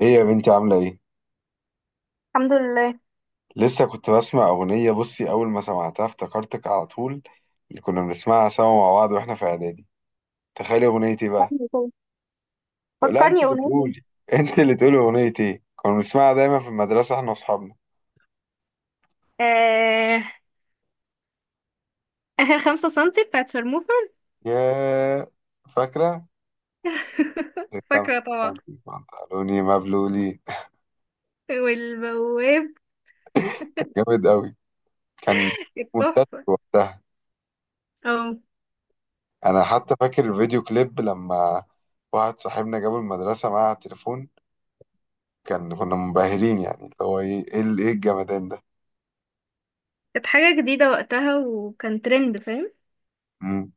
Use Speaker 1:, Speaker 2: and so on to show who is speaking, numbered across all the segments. Speaker 1: ايه يا بنتي عاملة ايه؟
Speaker 2: الحمد لله.
Speaker 1: لسه كنت بسمع أغنية. بصي، أول ما سمعتها افتكرتك على طول. اللي كنا بنسمعها سوا مع بعض واحنا في إعدادي. تخيلي أغنية ايه بقى؟
Speaker 2: فكرني كده.
Speaker 1: لا انت
Speaker 2: فكرني
Speaker 1: اللي
Speaker 2: اقول لك.
Speaker 1: تقولي. انت اللي تقولي أغنية ايه؟ كنا بنسمعها دايما في المدرسة احنا وأصحابنا.
Speaker 2: آه آخر 5 سنتي بتاعت شرموفرز.
Speaker 1: يا فاكرة؟ الخمسة
Speaker 2: فاكرة طبعا،
Speaker 1: سنتي بنطلوني مبلولي.
Speaker 2: والبواب
Speaker 1: كان جامد أوي. كان منتشر
Speaker 2: التحفة.
Speaker 1: وقتها.
Speaker 2: اه،
Speaker 1: أنا حتى فاكر الفيديو كليب لما واحد صاحبنا جابه المدرسة معاه على التليفون. كان كنا منبهرين يعني اللي هو ايه ايه إيه الجمدان ده.
Speaker 2: كانت حاجة جديدة وقتها وكان ترند، فاهم؟
Speaker 1: مم.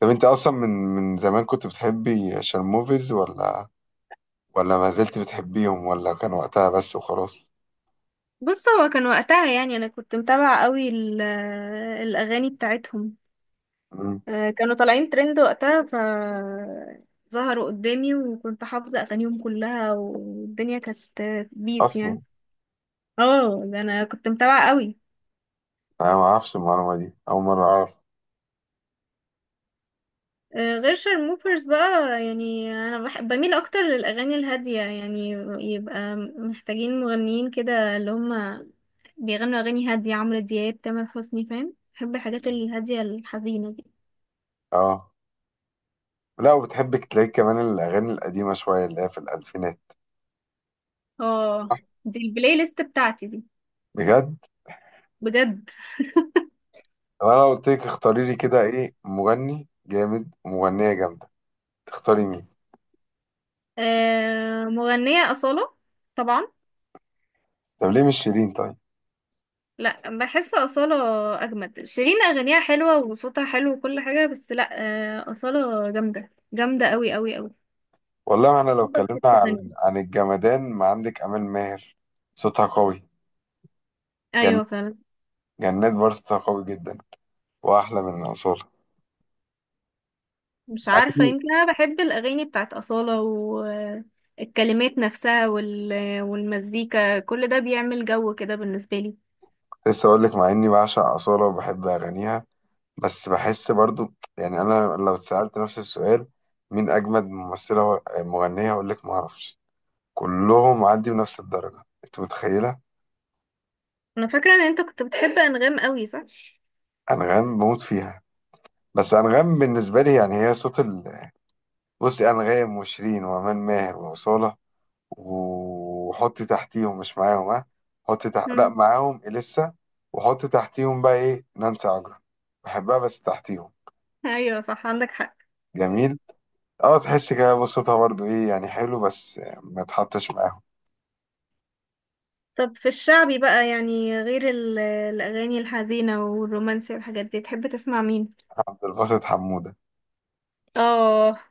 Speaker 1: طب انت اصلا من زمان كنت بتحبي شرموفيز ولا ولا ما زلت بتحبيهم، ولا كان وقتها بس وخلاص؟
Speaker 2: بص، هو كان وقتها يعني أنا كنت متابعة قوي الأغاني بتاعتهم.
Speaker 1: مم.
Speaker 2: كانوا طالعين ترند وقتها، ظهروا قدامي وكنت حافظة أغانيهم كلها، والدنيا كانت بيس
Speaker 1: اصلا
Speaker 2: يعني. اه، ده أنا كنت متابعة قوي.
Speaker 1: انا ما اعرفش المعلومه دي، اول مره اعرف.
Speaker 2: غير شارموفرز بقى. يعني انا بميل اكتر للاغاني الهاديه يعني، يبقى محتاجين مغنيين كده اللي هم بيغنوا اغاني هاديه، عمرو دياب، تامر حسني، فاهم؟ بحب الحاجات الهاديه الحزينه دي.
Speaker 1: اه، لا وبتحبك تلاقي كمان الاغاني القديمه شويه اللي هي في الالفينات.
Speaker 2: اه، دي البلاي ليست بتاعتي دي.
Speaker 1: بجد؟
Speaker 2: بجد.
Speaker 1: طب انا قلت لك اختاري لي كده ايه مغني جامد ومغنيه جامده، تختاري مين؟
Speaker 2: مغنيه اصاله، طبعا.
Speaker 1: طب ليه مش شيرين طيب؟
Speaker 2: لا، بحس اصاله اجمد. شيرين اغانيها حلوه وصوتها حلو وكل حاجه، بس لا. اصاله جامده جامده قوي قوي قوي.
Speaker 1: والله ما احنا لو
Speaker 2: صوتها في
Speaker 1: اتكلمنا
Speaker 2: حته ثانيه.
Speaker 1: عن الجمدان ما عندك امال ماهر. صوتها قوي. جن...
Speaker 2: ايوه فعلا.
Speaker 1: جنات برضه صوتها قوي جدا، واحلى من اصاله.
Speaker 2: مش
Speaker 1: مع
Speaker 2: عارفة،
Speaker 1: اني
Speaker 2: يمكن أنا بحب الأغاني بتاعت أصالة والكلمات نفسها والمزيكا، كل ده بيعمل جو كده بالنسبة لي.
Speaker 1: كنت لسه اقول لك، مع اني بعشق اصاله وبحب اغانيها، بس بحس برضو يعني انا لو اتسالت نفس السؤال مين اجمد مغنيه اقول لك ما اعرفش. كلهم عندي بنفس الدرجه، انت متخيله.
Speaker 2: أنا فاكرة إن أنت كنت بتحب أنغام قوي، صح؟
Speaker 1: انغام بموت فيها، بس انغام بالنسبه لي يعني هي صوت ال... بصي، انغام وشيرين وامان ماهر واصاله، وحطي تحتيهم مش معاهم، ها. حطي تحت، لا
Speaker 2: مم.
Speaker 1: معاهم اليسا. وحطي تحتيهم بقى ايه نانسي عجرم، بحبها بس تحتيهم.
Speaker 2: أيوة صح، عندك حق.
Speaker 1: جميل. اه تحس كده بصوتها برضو ايه يعني حلو، بس ما تحطش معاهم.
Speaker 2: طب في الشعبي بقى، يعني غير الأغاني الحزينة والرومانسي والحاجات دي، تحب تسمع مين؟
Speaker 1: عبد الباسط حمودة.
Speaker 2: آه،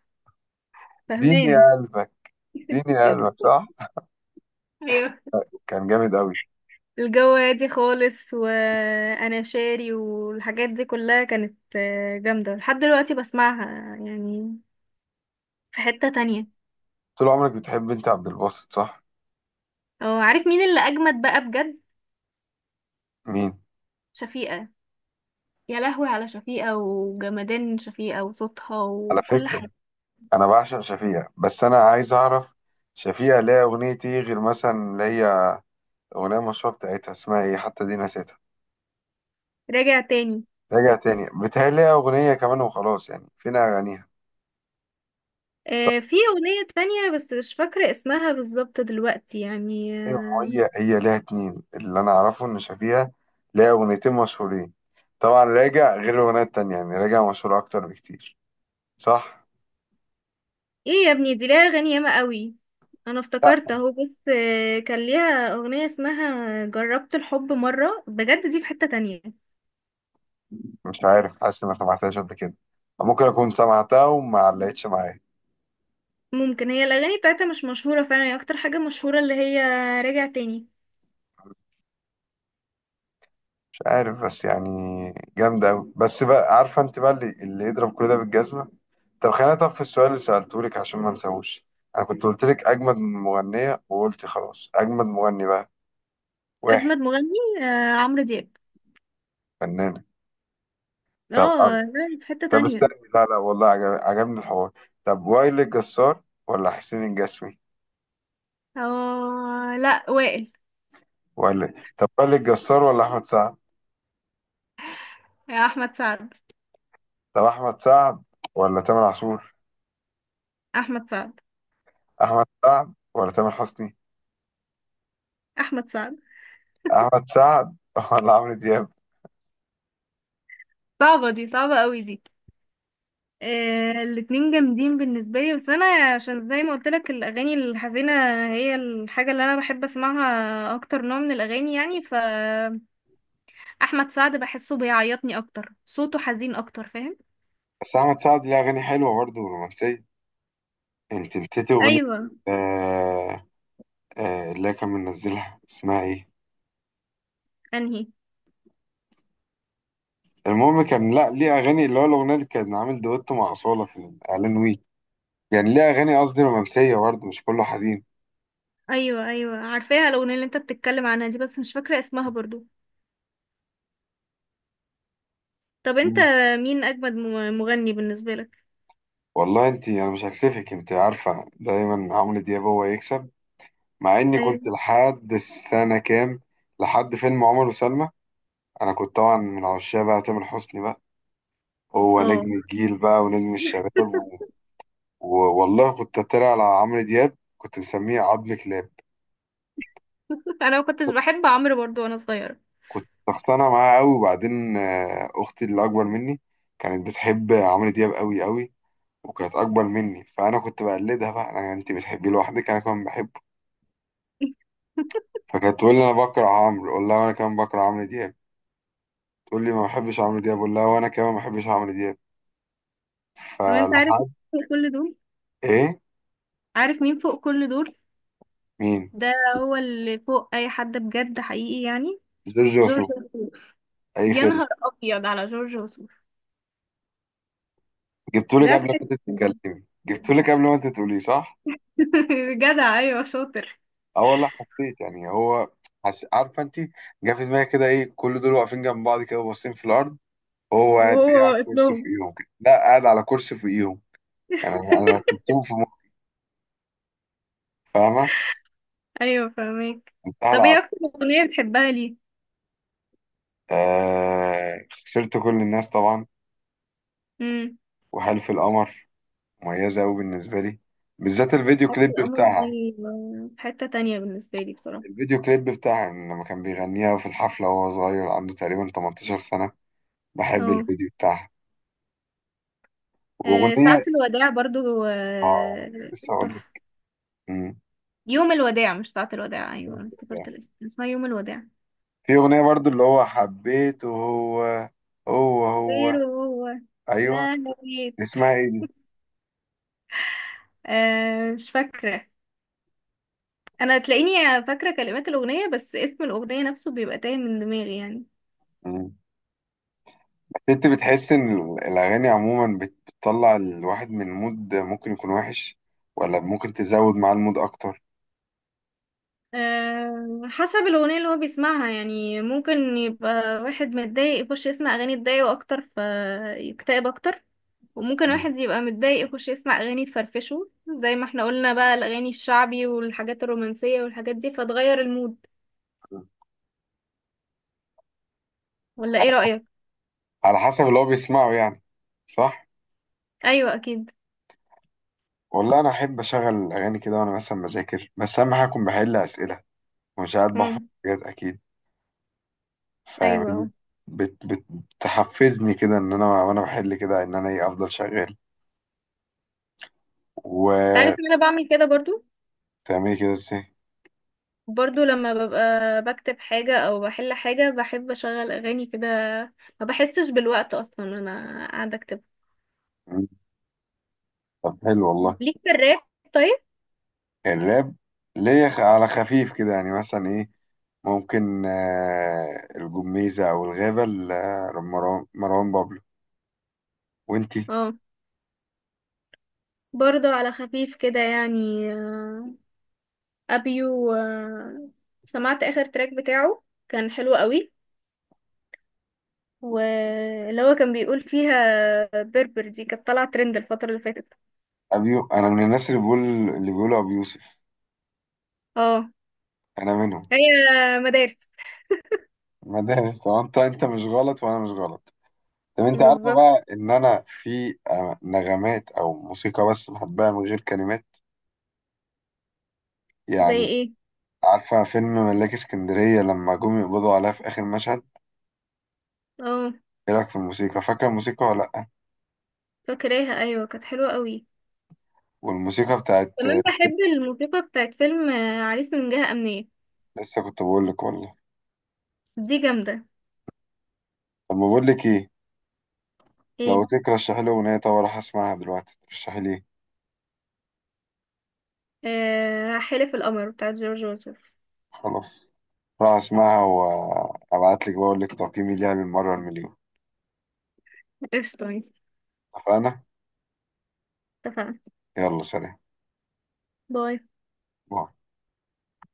Speaker 1: ديني يا
Speaker 2: فهمان.
Speaker 1: قلبك. ديني يا قلبك، صح.
Speaker 2: أيوة،
Speaker 1: كان جامد قوي.
Speaker 2: الجو هادي خالص وأنا شاري والحاجات دي كلها كانت جامدة لحد دلوقتي، بسمعها يعني. في حتة تانية.
Speaker 1: طول عمرك بتحب انت عبد الباسط، صح.
Speaker 2: اه، عارف مين اللي أجمد بقى بجد؟
Speaker 1: مين؟
Speaker 2: شفيقة. يا لهوي على شفيقة وجمدان شفيقة وصوتها
Speaker 1: على
Speaker 2: وكل
Speaker 1: فكرة
Speaker 2: حاجة.
Speaker 1: انا بعشق شفيقة، بس انا عايز اعرف شفيقة ليها اغنية ايه غير مثلا اللي هي اغنية مشهورة بتاعتها اسمها ايه حتى دي نسيتها.
Speaker 2: راجع تاني.
Speaker 1: راجع تاني، بتهيألي ليها اغنية كمان وخلاص، يعني فين اغانيها؟
Speaker 2: في أغنية تانية بس مش فاكرة اسمها بالظبط دلوقتي يعني.
Speaker 1: ايوه، ما هي ليها اتنين اللي انا اعرفه ان شافيها ليها اغنيتين مشهورين. طبعا راجع غير الاغنيه التانية يعني، راجع مشهور اكتر بكتير، صح.
Speaker 2: ايه يا ابني، دي ليها أغاني ياما قوي. أنا
Speaker 1: لا،
Speaker 2: افتكرت اهو، بس كان ليها أغنية اسمها جربت الحب مرة، بجد دي في حتة تانية.
Speaker 1: مش عارف، حاسس اني ما سمعتهاش قبل كده، أو ممكن اكون سمعتها وما علقتش معايا.
Speaker 2: ممكن هي الأغاني بتاعتها مش مشهورة فعلا، هي أكتر حاجة مشهورة اللي هي راجع تاني.
Speaker 1: مش عارف بس يعني جامده قوي. بس بقى عارفه انت بقى اللي يضرب كل ده بالجزمه. طب خلينا، طب في السؤال اللي سالته لك عشان ما انساهوش، انا كنت قلت لك اجمد مغنيه وقلت خلاص، اجمد مغني بقى واحد.
Speaker 2: أجمد مغني عمرو دياب.
Speaker 1: فنانه. طب
Speaker 2: اه لا، في حتة
Speaker 1: استني،
Speaker 2: تانية.
Speaker 1: لا لا والله عجبني الحوار. طب وائل الجسار ولا حسين الجسمي؟
Speaker 2: اه لا، وائل.
Speaker 1: ولا طب وائل الجسار ولا احمد سعد؟
Speaker 2: يا احمد سعد.
Speaker 1: طب احمد سعد ولا تامر عاشور؟
Speaker 2: احمد سعد.
Speaker 1: احمد سعد ولا تامر حسني؟
Speaker 2: احمد سعد.
Speaker 1: احمد سعد ولا عمرو دياب؟
Speaker 2: صعبة دي، صعبة قوي دي. آه، الاتنين جامدين بالنسبة لي، بس انا عشان زي ما قلت لك، الاغاني الحزينة هي الحاجة اللي انا بحب اسمعها اكتر، نوع من الاغاني يعني، ف احمد سعد بحسه بيعيطني اكتر، صوته حزين اكتر، فاهم؟
Speaker 1: بس احمد سعد ليه اغاني حلوه برضه رومانسيه، انت نسيتي اغنيه
Speaker 2: ايوه.
Speaker 1: آه... اللي كان منزلها اسمها ايه.
Speaker 2: انهي؟
Speaker 1: المهم كان لا ليه اغاني اللي هو الاغنيه اللي كان عامل دويتو مع اصاله في الاعلان ويك، يعني ليه اغاني قصدي رومانسيه برضه مش كله حزين.
Speaker 2: ايوه ايوه، عارفاها الاغنية اللي انت بتتكلم عنها دي، بس مش فاكرة اسمها برضو. طب انت، مين اجمد مغني بالنسبة لك؟
Speaker 1: والله انت انا مش هكسفك، انت عارفه دايما عمرو دياب هو يكسب. مع اني كنت
Speaker 2: ايوه.
Speaker 1: لحد السنه كام، لحد فيلم عمر وسلمى، انا كنت طبعا من عشاق بقى تامر حسني بقى. هو
Speaker 2: اه.
Speaker 1: نجم الجيل بقى ونجم الشباب والله كنت اتريق على عمرو دياب، كنت مسميه عظم كلاب.
Speaker 2: انا ما كنتش بحب عمرو برضو وانا صغيرة.
Speaker 1: كنت اقتنع معاه قوي وبعدين اختي اللي اكبر مني كانت بتحب عمرو دياب قوي قوي، وكانت اكبر مني فانا كنت بقلدها بقى. انا انت بتحبيه لوحدك انا كمان بحبه. فكانت تقول لي انا بكره عمرو، اقول لها وانا كمان بكره عمرو دياب. تقول لي ما بحبش عمرو دياب، اقول لها وانا كمان ما بحبش عمرو دياب.
Speaker 2: طب انت عارف
Speaker 1: فلحد.
Speaker 2: مين فوق كل دول؟
Speaker 1: ايه؟
Speaker 2: عارف مين فوق كل دول؟
Speaker 1: مين؟
Speaker 2: ده هو اللي فوق اي حد بجد حقيقي يعني.
Speaker 1: جورج
Speaker 2: جورج
Speaker 1: وسوف.
Speaker 2: وسوف.
Speaker 1: اي
Speaker 2: يا
Speaker 1: خدمه.
Speaker 2: نهار ابيض على جورج وسوف.
Speaker 1: جبتولك
Speaker 2: ده
Speaker 1: قبل
Speaker 2: في
Speaker 1: ما
Speaker 2: حتة
Speaker 1: كنت
Speaker 2: تانية.
Speaker 1: تتكلمي، جبتولك قبل ما انت تقولي، صح.
Speaker 2: جدع، ايوه شاطر.
Speaker 1: اه والله حسيت يعني هو عارفه انت، جه في دماغي كده ايه كل دول واقفين جنب بعض كده باصين في الارض، هو قاعد إيه
Speaker 2: وهو
Speaker 1: على كرسي
Speaker 2: ابنهم.
Speaker 1: فوقيهم كده، لا قاعد على كرسي فوقيهم يعني. انا أنا رتبتهم في مخي، فاهمه.
Speaker 2: ايوه فاهمك.
Speaker 1: كنت
Speaker 2: طب ايه
Speaker 1: هلعب.
Speaker 2: اكتر اغنية بتحبها ليه؟
Speaker 1: خسرت كل الناس طبعا،
Speaker 2: امم.
Speaker 1: وحلف القمر، مميزة أوي بالنسبة لي، بالذات الفيديو
Speaker 2: حاجة
Speaker 1: كليب
Speaker 2: القمر
Speaker 1: بتاعها.
Speaker 2: دي في حتة تانية بالنسبة لي بصراحة.
Speaker 1: الفيديو كليب بتاعها لما كان بيغنيها في الحفلة وهو صغير عنده تقريبا 18 سنة، بحب
Speaker 2: اه.
Speaker 1: الفيديو بتاعها.
Speaker 2: ساعة
Speaker 1: وأغنية،
Speaker 2: الوداع برضو
Speaker 1: آه كنت لسه أقول لك.
Speaker 2: تحفة.
Speaker 1: مم.
Speaker 2: يوم الوداع، مش ساعة الوداع. أيوة أنا افتكرت الاسم، اسمها يوم الوداع.
Speaker 1: في أغنية برضو اللي هو حبيته هو، هو
Speaker 2: غير
Speaker 1: هو،
Speaker 2: وهو
Speaker 1: أيوه،
Speaker 2: ما نبيت.
Speaker 1: اسمها إيه دي؟
Speaker 2: آه، مش فاكرة. أنا تلاقيني فاكرة كلمات الأغنية، بس اسم الأغنية نفسه بيبقى تايه من دماغي يعني.
Speaker 1: مم. أنت بتحس إن الأغاني عموما بتطلع الواحد من مود ممكن يكون وحش، ولا ممكن تزود معاه المود أكتر؟
Speaker 2: آه، حسب الأغنية اللي هو بيسمعها يعني. ممكن يبقى واحد متضايق يخش يسمع أغاني تضايقه أكتر فيكتئب أكتر، وممكن واحد يبقى متضايق يخش يسمع أغاني تفرفشه زي ما احنا قلنا بقى، الأغاني الشعبي والحاجات الرومانسية والحاجات دي فتغير المود. ولا ايه رأيك؟
Speaker 1: على حسب اللي هو بيسمعه يعني، صح.
Speaker 2: أيوة أكيد.
Speaker 1: والله انا احب اشغل اغاني كده وانا مثلا بذاكر، بس اهم حاجه اكون بحل اسئله ومش قاعد بحفظ
Speaker 2: امم.
Speaker 1: حاجات اكيد، فاهمني.
Speaker 2: ايوه.
Speaker 1: بت بت بتحفزني كده ان انا، وانا بحل كده ان انا ايه افضل شغال.
Speaker 2: انت
Speaker 1: وتعملي
Speaker 2: عارف ان انا بعمل كده برضو.
Speaker 1: كده ازاي؟
Speaker 2: برضو لما ببقى بكتب حاجة او بحل حاجة، بحب اشغل اغاني كده. ما بحسش بالوقت اصلا وانا قاعدة اكتب.
Speaker 1: مم. طب حلو والله.
Speaker 2: ليك في الراب؟ طيب.
Speaker 1: الراب، ليا على خفيف كده يعني، مثلا ايه، ممكن الجميزة او الغابة مروان بابلو، وانتي؟
Speaker 2: اه، برضو على خفيف كده يعني ابيو سمعت اخر تراك بتاعه، كان حلو قوي. واللي هو كان بيقول فيها بربر، دي كانت طالعة ترند الفترة اللي فاتت.
Speaker 1: ابيو، انا من الناس اللي بيقول اللي بيقولوا ابو يوسف،
Speaker 2: اه.
Speaker 1: انا منهم.
Speaker 2: هي مدارس.
Speaker 1: مدارس. طب انت، انت مش غلط وانا مش غلط. طب انت عارفه
Speaker 2: بالظبط.
Speaker 1: بقى ان انا في نغمات او موسيقى بس بحبها من غير كلمات
Speaker 2: زي
Speaker 1: يعني.
Speaker 2: ايه؟
Speaker 1: عارفه فيلم ملاك اسكندريه لما جم يقبضوا عليها في اخر مشهد،
Speaker 2: اه،
Speaker 1: ايه رايك في الموسيقى؟ فاكره الموسيقى ولا لا؟
Speaker 2: فاكراها، ايوه كانت حلوه قوي.
Speaker 1: والموسيقى بتاعت
Speaker 2: كمان بحب الموسيقى بتاعت فيلم عريس من جهة أمنية.
Speaker 1: لسه كنت بقول لك والله.
Speaker 2: دي جامدة.
Speaker 1: طب بقول لك ايه، لو
Speaker 2: ايه؟
Speaker 1: ترشحي لي اغنيه طب راح اسمعها دلوقتي، ترشحي لي ايه؟
Speaker 2: آه، حلف القمر بتاعت جورج وسوف.
Speaker 1: خلاص، راح اسمعها وابعت لك بقول لك تقييمي ليها بالمره المليون.
Speaker 2: قشطة، ماشي.
Speaker 1: اتفقنا.
Speaker 2: اتفقنا.
Speaker 1: يلا سلام.
Speaker 2: باي
Speaker 1: باي.